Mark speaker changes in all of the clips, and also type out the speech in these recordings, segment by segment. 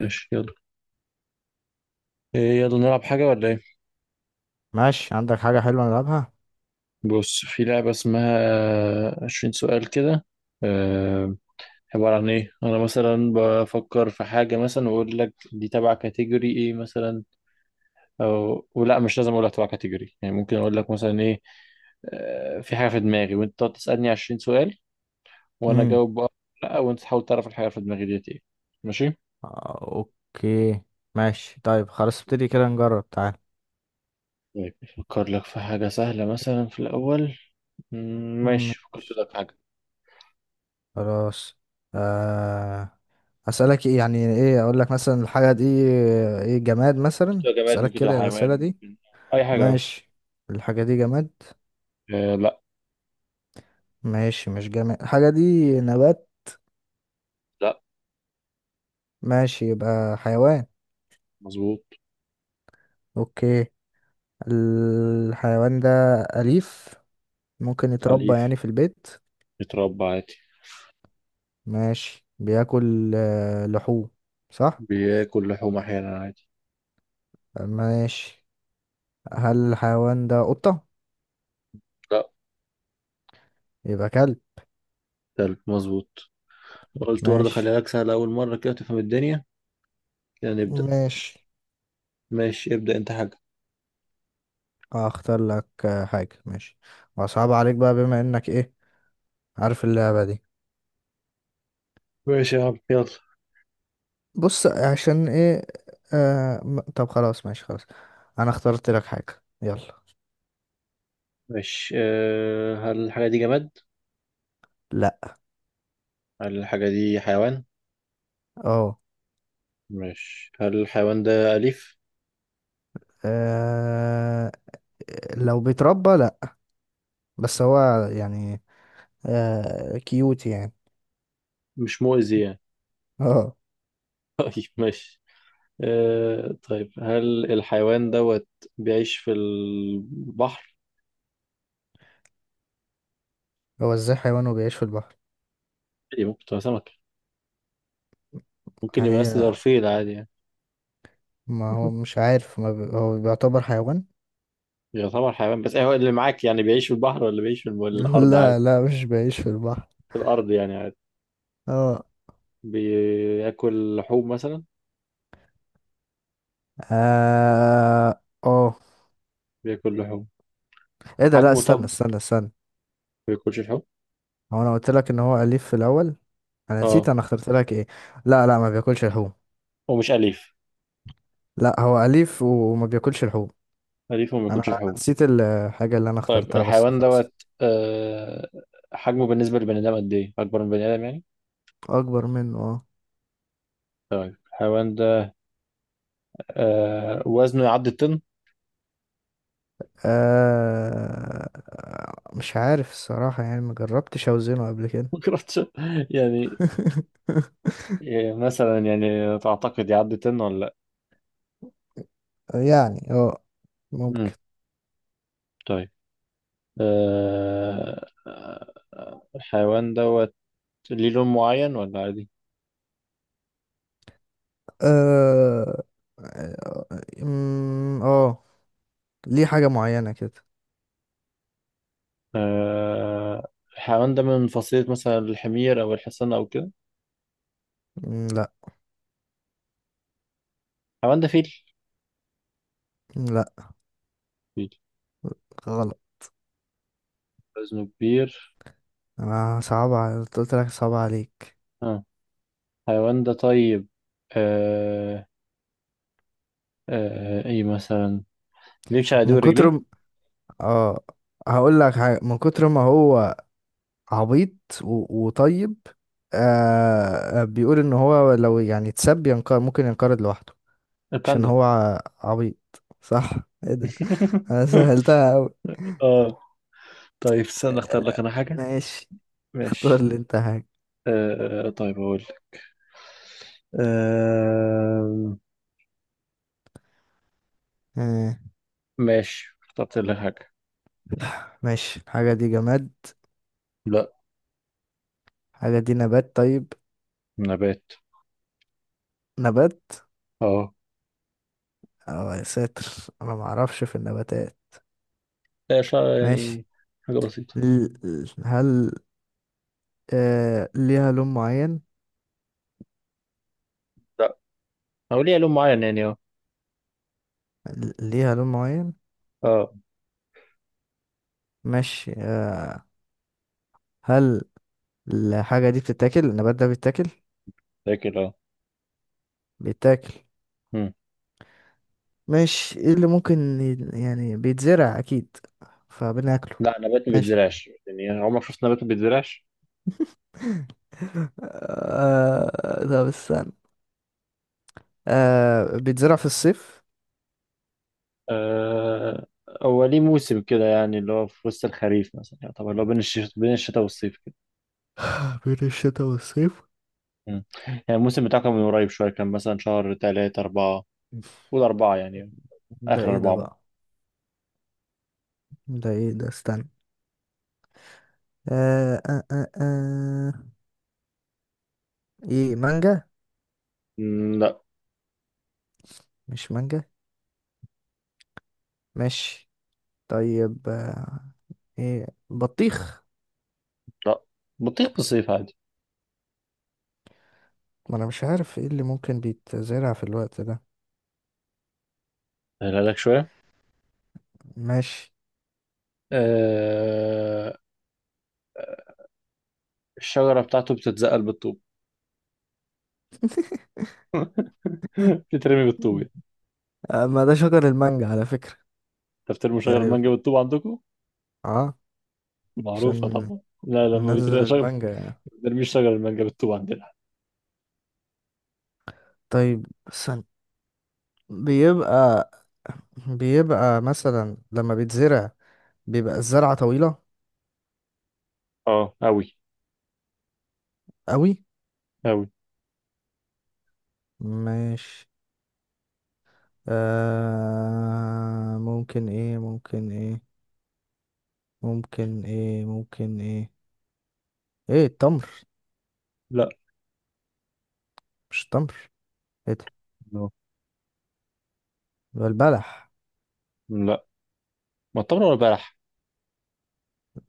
Speaker 1: ماشي يلا. إيه يلا نلعب حاجة ولا ايه؟
Speaker 2: ماشي، عندك حاجة حلوة نلعبها؟
Speaker 1: بص، في لعبة اسمها، 20 سؤال كده. آه، عبارة عن ايه؟ أنا مثلا بفكر في حاجة مثلا وأقول لك دي تبع كاتيجوري ايه مثلا، أو ولا مش لازم أقول لك تبع كاتيجوري، يعني ممكن أقول لك مثلا ايه. في حاجة في دماغي وأنت تقعد تسألني 20 سؤال وأنا
Speaker 2: امم.
Speaker 1: أجاوب بأه. لأ وأنت تحاول تعرف الحاجة في دماغي ديت ايه. ماشي؟
Speaker 2: آه، اوكي. ماشي طيب، خلاص، ابتدي كده نجرب، تعال.
Speaker 1: طيب أفكر لك في حاجة سهلة مثلا في الأول. ماشي، فكرت
Speaker 2: ماشي
Speaker 1: لك في حاجة.
Speaker 2: خلاص. آه، اسألك ايه؟ يعني ايه اقول لك مثلا الحاجة دي؟ ايه، جماد
Speaker 1: ممكن
Speaker 2: مثلا؟
Speaker 1: تبقى جماد،
Speaker 2: اسألك
Speaker 1: ممكن تبقى
Speaker 2: كده الأسئلة
Speaker 1: حيوان،
Speaker 2: دي؟
Speaker 1: ممكن اي حاجه اهو.
Speaker 2: ماشي، الحاجة دي جماد؟
Speaker 1: آه لا.
Speaker 2: ماشي، مش جماد الحاجة دي، نبات؟
Speaker 1: لا،
Speaker 2: ماشي، يبقى حيوان.
Speaker 1: مظبوط.
Speaker 2: اوكي، الحيوان ده أليف؟ ممكن يتربى يعني
Speaker 1: أليف،
Speaker 2: في البيت؟
Speaker 1: بيتربى عادي.
Speaker 2: ماشي، بياكل لحوم، صح؟
Speaker 1: بياكل لحوم احيانا عادي.
Speaker 2: ماشي، هل الحيوان ده قطة؟
Speaker 1: لا.
Speaker 2: يبقى كلب؟
Speaker 1: كلب، مظبوط. قلت برضه
Speaker 2: ماشي.
Speaker 1: خليها لك سهله اول مره كده تفهم الدنيا. كده نبدا.
Speaker 2: ماشي،
Speaker 1: ماشي، ابدا انت حاجه.
Speaker 2: هختار لك حاجة، ماشي. وصعب عليك بقى بما انك ايه، عارف اللعبة دي.
Speaker 1: ماشي يا عم يلا.
Speaker 2: بص، عشان ايه؟ طب خلاص، ماشي خلاص. انا اخترت لك حاجة، يلا.
Speaker 1: ماشي. هل الحاجه دي جماد؟
Speaker 2: لا.
Speaker 1: هل الحاجه دي حيوان؟
Speaker 2: اه.
Speaker 1: ماشي، هل الحيوان ده اليف؟
Speaker 2: آه، لو بيتربى لا. بس هو، يعني كيوت يعني.
Speaker 1: مش مؤذي يعني؟
Speaker 2: اه.
Speaker 1: طيب ماشي. أه طيب هل الحيوان دوت بيعيش في البحر؟
Speaker 2: هو ازاي حيوان وبيعيش في البحر؟
Speaker 1: عادي، ممكن تبقى سمكة، ممكن يبقى بس
Speaker 2: هي،
Speaker 1: ظرفية عادي يعني.
Speaker 2: ما هو مش عارف، ما بي... هو بيعتبر حيوان.
Speaker 1: يعتبر حيوان بس هو اللي معاك، يعني بيعيش في البحر ولا بيعيش في الأرض
Speaker 2: لا،
Speaker 1: عادي.
Speaker 2: لا، مش بعيش في البحر.
Speaker 1: في الأرض يعني عادي.
Speaker 2: اه.
Speaker 1: بياكل لحوم مثلا.
Speaker 2: اه، اه،
Speaker 1: بياكل لحوم.
Speaker 2: ايه ده؟ لا،
Speaker 1: حجمه طب
Speaker 2: استنى
Speaker 1: ما
Speaker 2: استنى استنى.
Speaker 1: بياكلش لحوم.
Speaker 2: هو انا قلت لك ان هو اليف في الاول. انا
Speaker 1: اه.
Speaker 2: نسيت انا اخترت لك ايه. لا، لا، ما بياكلش لحوم.
Speaker 1: ومش أليف؟
Speaker 2: لا، هو اليف وما بياكلش لحوم.
Speaker 1: أليف وما
Speaker 2: انا
Speaker 1: بياكلش
Speaker 2: أنا
Speaker 1: لحوم.
Speaker 2: نسيت الحاجه اللي انا
Speaker 1: طيب
Speaker 2: اخترتها، بس
Speaker 1: الحيوان دوت.
Speaker 2: خلاص.
Speaker 1: آه حجمه بالنسبة للبني آدم قد إيه؟ أكبر من بني آدم يعني؟
Speaker 2: اكبر منه، اه.
Speaker 1: طيب الحيوان ده، وزنه يعدي الطن؟
Speaker 2: مش عارف الصراحه، يعني ما جربتش اوزنه قبل كده.
Speaker 1: ما أعرفش. يعني، يعني مثلا، يعني تعتقد يعدي طن ولا لأ؟
Speaker 2: يعني اه، ممكن.
Speaker 1: مم. طيب، الحيوان دوت ليه لون معين ولا عادي؟
Speaker 2: اه، اه، أمم، آه. ليه حاجة معينة كده.
Speaker 1: آه، الحيوان ده من فصيلة مثلا الحمير أو الحصان أو كده؟
Speaker 2: أمم، لا.
Speaker 1: الحيوان ده فيل.
Speaker 2: لا.
Speaker 1: فيل،
Speaker 2: غلط.
Speaker 1: وزنه كبير.
Speaker 2: قلت لك صعب عليك.
Speaker 1: آه. الحيوان ده طيب. آه. آه. إيه مثلا بيمشي على
Speaker 2: من
Speaker 1: دور
Speaker 2: كتر
Speaker 1: رجليه.
Speaker 2: م... اه، هقول لك حاجة. من كتر ما هو عبيط. وطيب. بيقول ان هو لو يعني اتسب ينقر ممكن ينقرض لوحده. عشان
Speaker 1: الباندا.
Speaker 2: هو عبيط. صح. ايه ده؟ انا سهلتها أوي.
Speaker 1: اه. طيب استنى اختار لك
Speaker 2: آه،
Speaker 1: انا حاجة.
Speaker 2: ماشي. اختار
Speaker 1: ماشي.
Speaker 2: لي انت حاجة.
Speaker 1: اقول لك. آه.
Speaker 2: آه.
Speaker 1: ماشي، اخترت لك حاجة.
Speaker 2: ماشي، الحاجة دي جماد؟
Speaker 1: لا.
Speaker 2: حاجة دي نبات؟ طيب،
Speaker 1: نبات.
Speaker 2: نبات؟
Speaker 1: اه.
Speaker 2: اه، يا ساتر. انا ما اعرفش في النباتات.
Speaker 1: لا شا...
Speaker 2: ماشي.
Speaker 1: يعني حاجة بسيطة.
Speaker 2: هل ليها لون معين؟
Speaker 1: لا. أو ليه لون معين، يعني اه.
Speaker 2: ليها لون معين؟
Speaker 1: اه.
Speaker 2: ماشي. هل الحاجة دي بتتاكل؟ النبات ده بيتاكل؟
Speaker 1: فاكر، اه.
Speaker 2: بيتاكل.
Speaker 1: مم.
Speaker 2: ماشي، ايه اللي ممكن يعني بيتزرع اكيد فبناكله.
Speaker 1: لا، نبات ما
Speaker 2: ماشي.
Speaker 1: بيتزرعش؟ يعني عمرك شفت نبات ما بيتزرعش؟
Speaker 2: طب استنى. بيتزرع في الصيف؟
Speaker 1: آه... هو ليه موسم كده، يعني اللي هو في وسط الخريف مثلا، يعني طبعا اللي هو بين الشتاء، بين الشتاء والصيف كده.
Speaker 2: بين الشتاء والصيف.
Speaker 1: مم. يعني الموسم بتاعه كان من قريب شوية، كان مثلا شهر 3 4. قول 4 يعني.
Speaker 2: ده
Speaker 1: آخر
Speaker 2: ايه ده
Speaker 1: 4.
Speaker 2: بقى؟ ده ايه ده؟ استنى. آه، آه، آه، آه. ايه، مانجا؟
Speaker 1: لا.
Speaker 2: مش مانجا. ماشي طيب. ايه، بطيخ؟
Speaker 1: لا، بطيخ في الصيف عادي.
Speaker 2: ما انا مش عارف ايه اللي ممكن بيتزرع في الوقت ده.
Speaker 1: سهلها لك شوية.
Speaker 2: ماشي.
Speaker 1: آه... الشجرة بتاعته بتتزقل بالطوب. بتترمي بالطوب.
Speaker 2: ما ده شجر المانجا على فكرة.
Speaker 1: تفترموا شجر
Speaker 2: يعني
Speaker 1: المانجا بالطوب عندكم؟
Speaker 2: اه،
Speaker 1: معروفة
Speaker 2: عشان
Speaker 1: طبعا، لا لما
Speaker 2: ننزل
Speaker 1: بيترمي شجر. ما
Speaker 2: المانجا يعني.
Speaker 1: بنرميش شجر المانجا بالطوب عندنا.
Speaker 2: طيب، سن. بيبقى بيبقى مثلا لما بيتزرع، بيبقى الزرعة طويلة
Speaker 1: اه أوي.
Speaker 2: قوي.
Speaker 1: أوي.
Speaker 2: ماشي. آه ممكن ايه ممكن ايه ممكن ايه؟ ايه، التمر؟
Speaker 1: لا.
Speaker 2: مش التمر. ايه ده؟
Speaker 1: No.
Speaker 2: يبقى البلح؟
Speaker 1: لا، معتبر ولا بلح.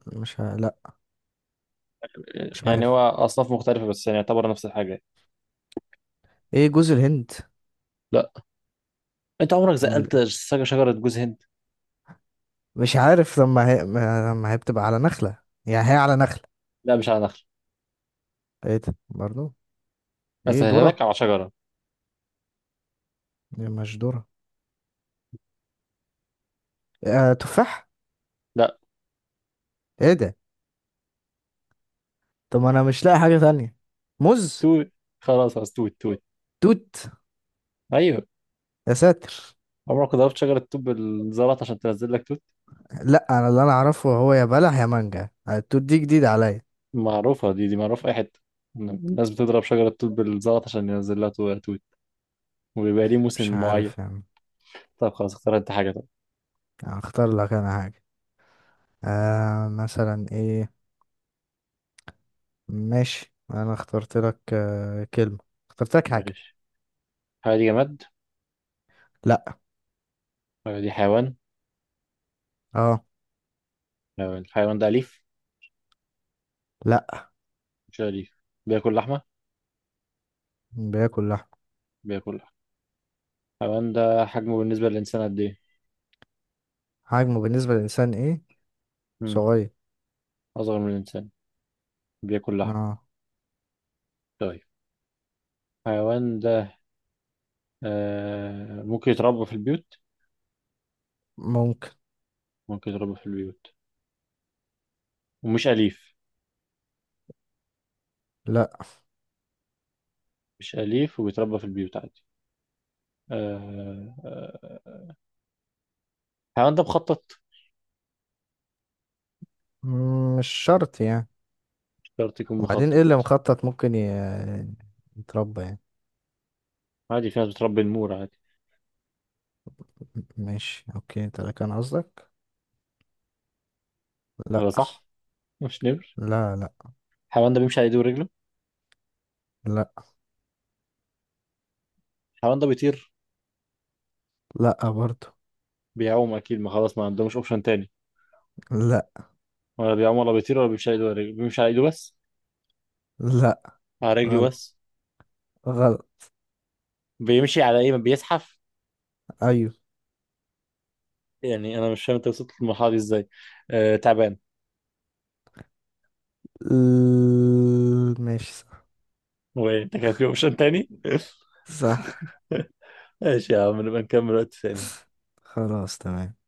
Speaker 2: مش ه... لا. مش
Speaker 1: يعني هو
Speaker 2: عارف.
Speaker 1: أصناف مختلفة بس يعني يعتبر نفس الحاجة.
Speaker 2: ايه، جوز الهند؟
Speaker 1: لا. أنت عمرك
Speaker 2: أمال
Speaker 1: زقلت
Speaker 2: إيه؟
Speaker 1: شجرة جوز هند؟
Speaker 2: مش عارف، لما هي ما- لما هي بتبقى على نخلة. يعني هي على نخلة.
Speaker 1: لا مش على نخل.
Speaker 2: ايه ده برضو؟ ايه،
Speaker 1: أسهلها لك
Speaker 2: ذرة؟
Speaker 1: على شجرة.
Speaker 2: إيه، مش ذرة؟ تفاح؟
Speaker 1: لا.
Speaker 2: ايه ده؟ طب انا مش لاقي حاجة تانية. موز؟
Speaker 1: توت. خلاص خلاص، توت توت.
Speaker 2: توت؟
Speaker 1: أيوه.
Speaker 2: يا ساتر.
Speaker 1: عمرك ضربت شجرة توت بالزلط عشان تنزل لك توت؟
Speaker 2: لا، انا اللي انا اعرفه هو يا بلح يا مانجا. التوت دي جديدة عليا.
Speaker 1: معروفة دي، دي معروفة في أي حتة. الناس بتضرب شجرة توت بالزلط عشان ينزل لها توت. وبيبقى ليه موسم
Speaker 2: مش
Speaker 1: معين.
Speaker 2: عارف يعني.
Speaker 1: طب خلاص، اختار انت حاجة طب.
Speaker 2: هختار لك انا حاجة. مثلا ايه. ماشي، انا اخترت لك كلمة. اخترت لك حاجة.
Speaker 1: ماشي. الحاجة دي جماد؟
Speaker 2: لا.
Speaker 1: الحاجة دي حيوان؟
Speaker 2: اه.
Speaker 1: لو الحيوان ده أليف؟
Speaker 2: لا.
Speaker 1: مش أليف. بياكل لحمة؟
Speaker 2: بياكل لحم.
Speaker 1: بياكل لحمة. الحيوان ده حجمه بالنسبة للإنسان قد إيه؟
Speaker 2: حجمه بالنسبة للإنسان ايه؟
Speaker 1: مم.
Speaker 2: صغير.
Speaker 1: أصغر من الإنسان. بياكل لحمة.
Speaker 2: اه.
Speaker 1: طيب الحيوان ده ممكن يتربى في البيوت؟
Speaker 2: ممكن.
Speaker 1: ممكن يتربى في البيوت ومش أليف؟
Speaker 2: لا.
Speaker 1: مش أليف وبيتربى في البيوت عادي. آه آه الحيوان ده مخطط؟
Speaker 2: مش شرط يعني.
Speaker 1: مش شرط يكون
Speaker 2: وبعدين ايه
Speaker 1: مخطط.
Speaker 2: اللي مخطط ممكن يتربى يعني؟
Speaker 1: عادي، في ناس بتربي النمور عادي.
Speaker 2: ماشي اوكي، انت ده كان قصدك؟ لا.
Speaker 1: ولا صح؟ مش نمر.
Speaker 2: لا، لا.
Speaker 1: الحيوان ده بيمشي على إيده ورجله.
Speaker 2: لا.
Speaker 1: الحيوان ده بيطير.
Speaker 2: لا برضو.
Speaker 1: بيعوم اكيد، ما خلاص ما عندهمش اوبشن تاني.
Speaker 2: لا.
Speaker 1: ولا بيعوم ولا بيطير ولا بيمشي على ايده ولا رجله، بيمشي على ايده بس؟
Speaker 2: لا.
Speaker 1: على رجله
Speaker 2: غلط.
Speaker 1: بس؟
Speaker 2: غلط.
Speaker 1: بيمشي على ايه، ما بيزحف؟
Speaker 2: ايوه.
Speaker 1: يعني انا مش فاهم انت وصلت للمرحله دي ازاي. تعبان.
Speaker 2: ماشي، صح.
Speaker 1: وانت كان في اوبشن تاني. ماشي يا عم، نبقى نكمل وقت ثاني.
Speaker 2: صح. خلاص، تمام.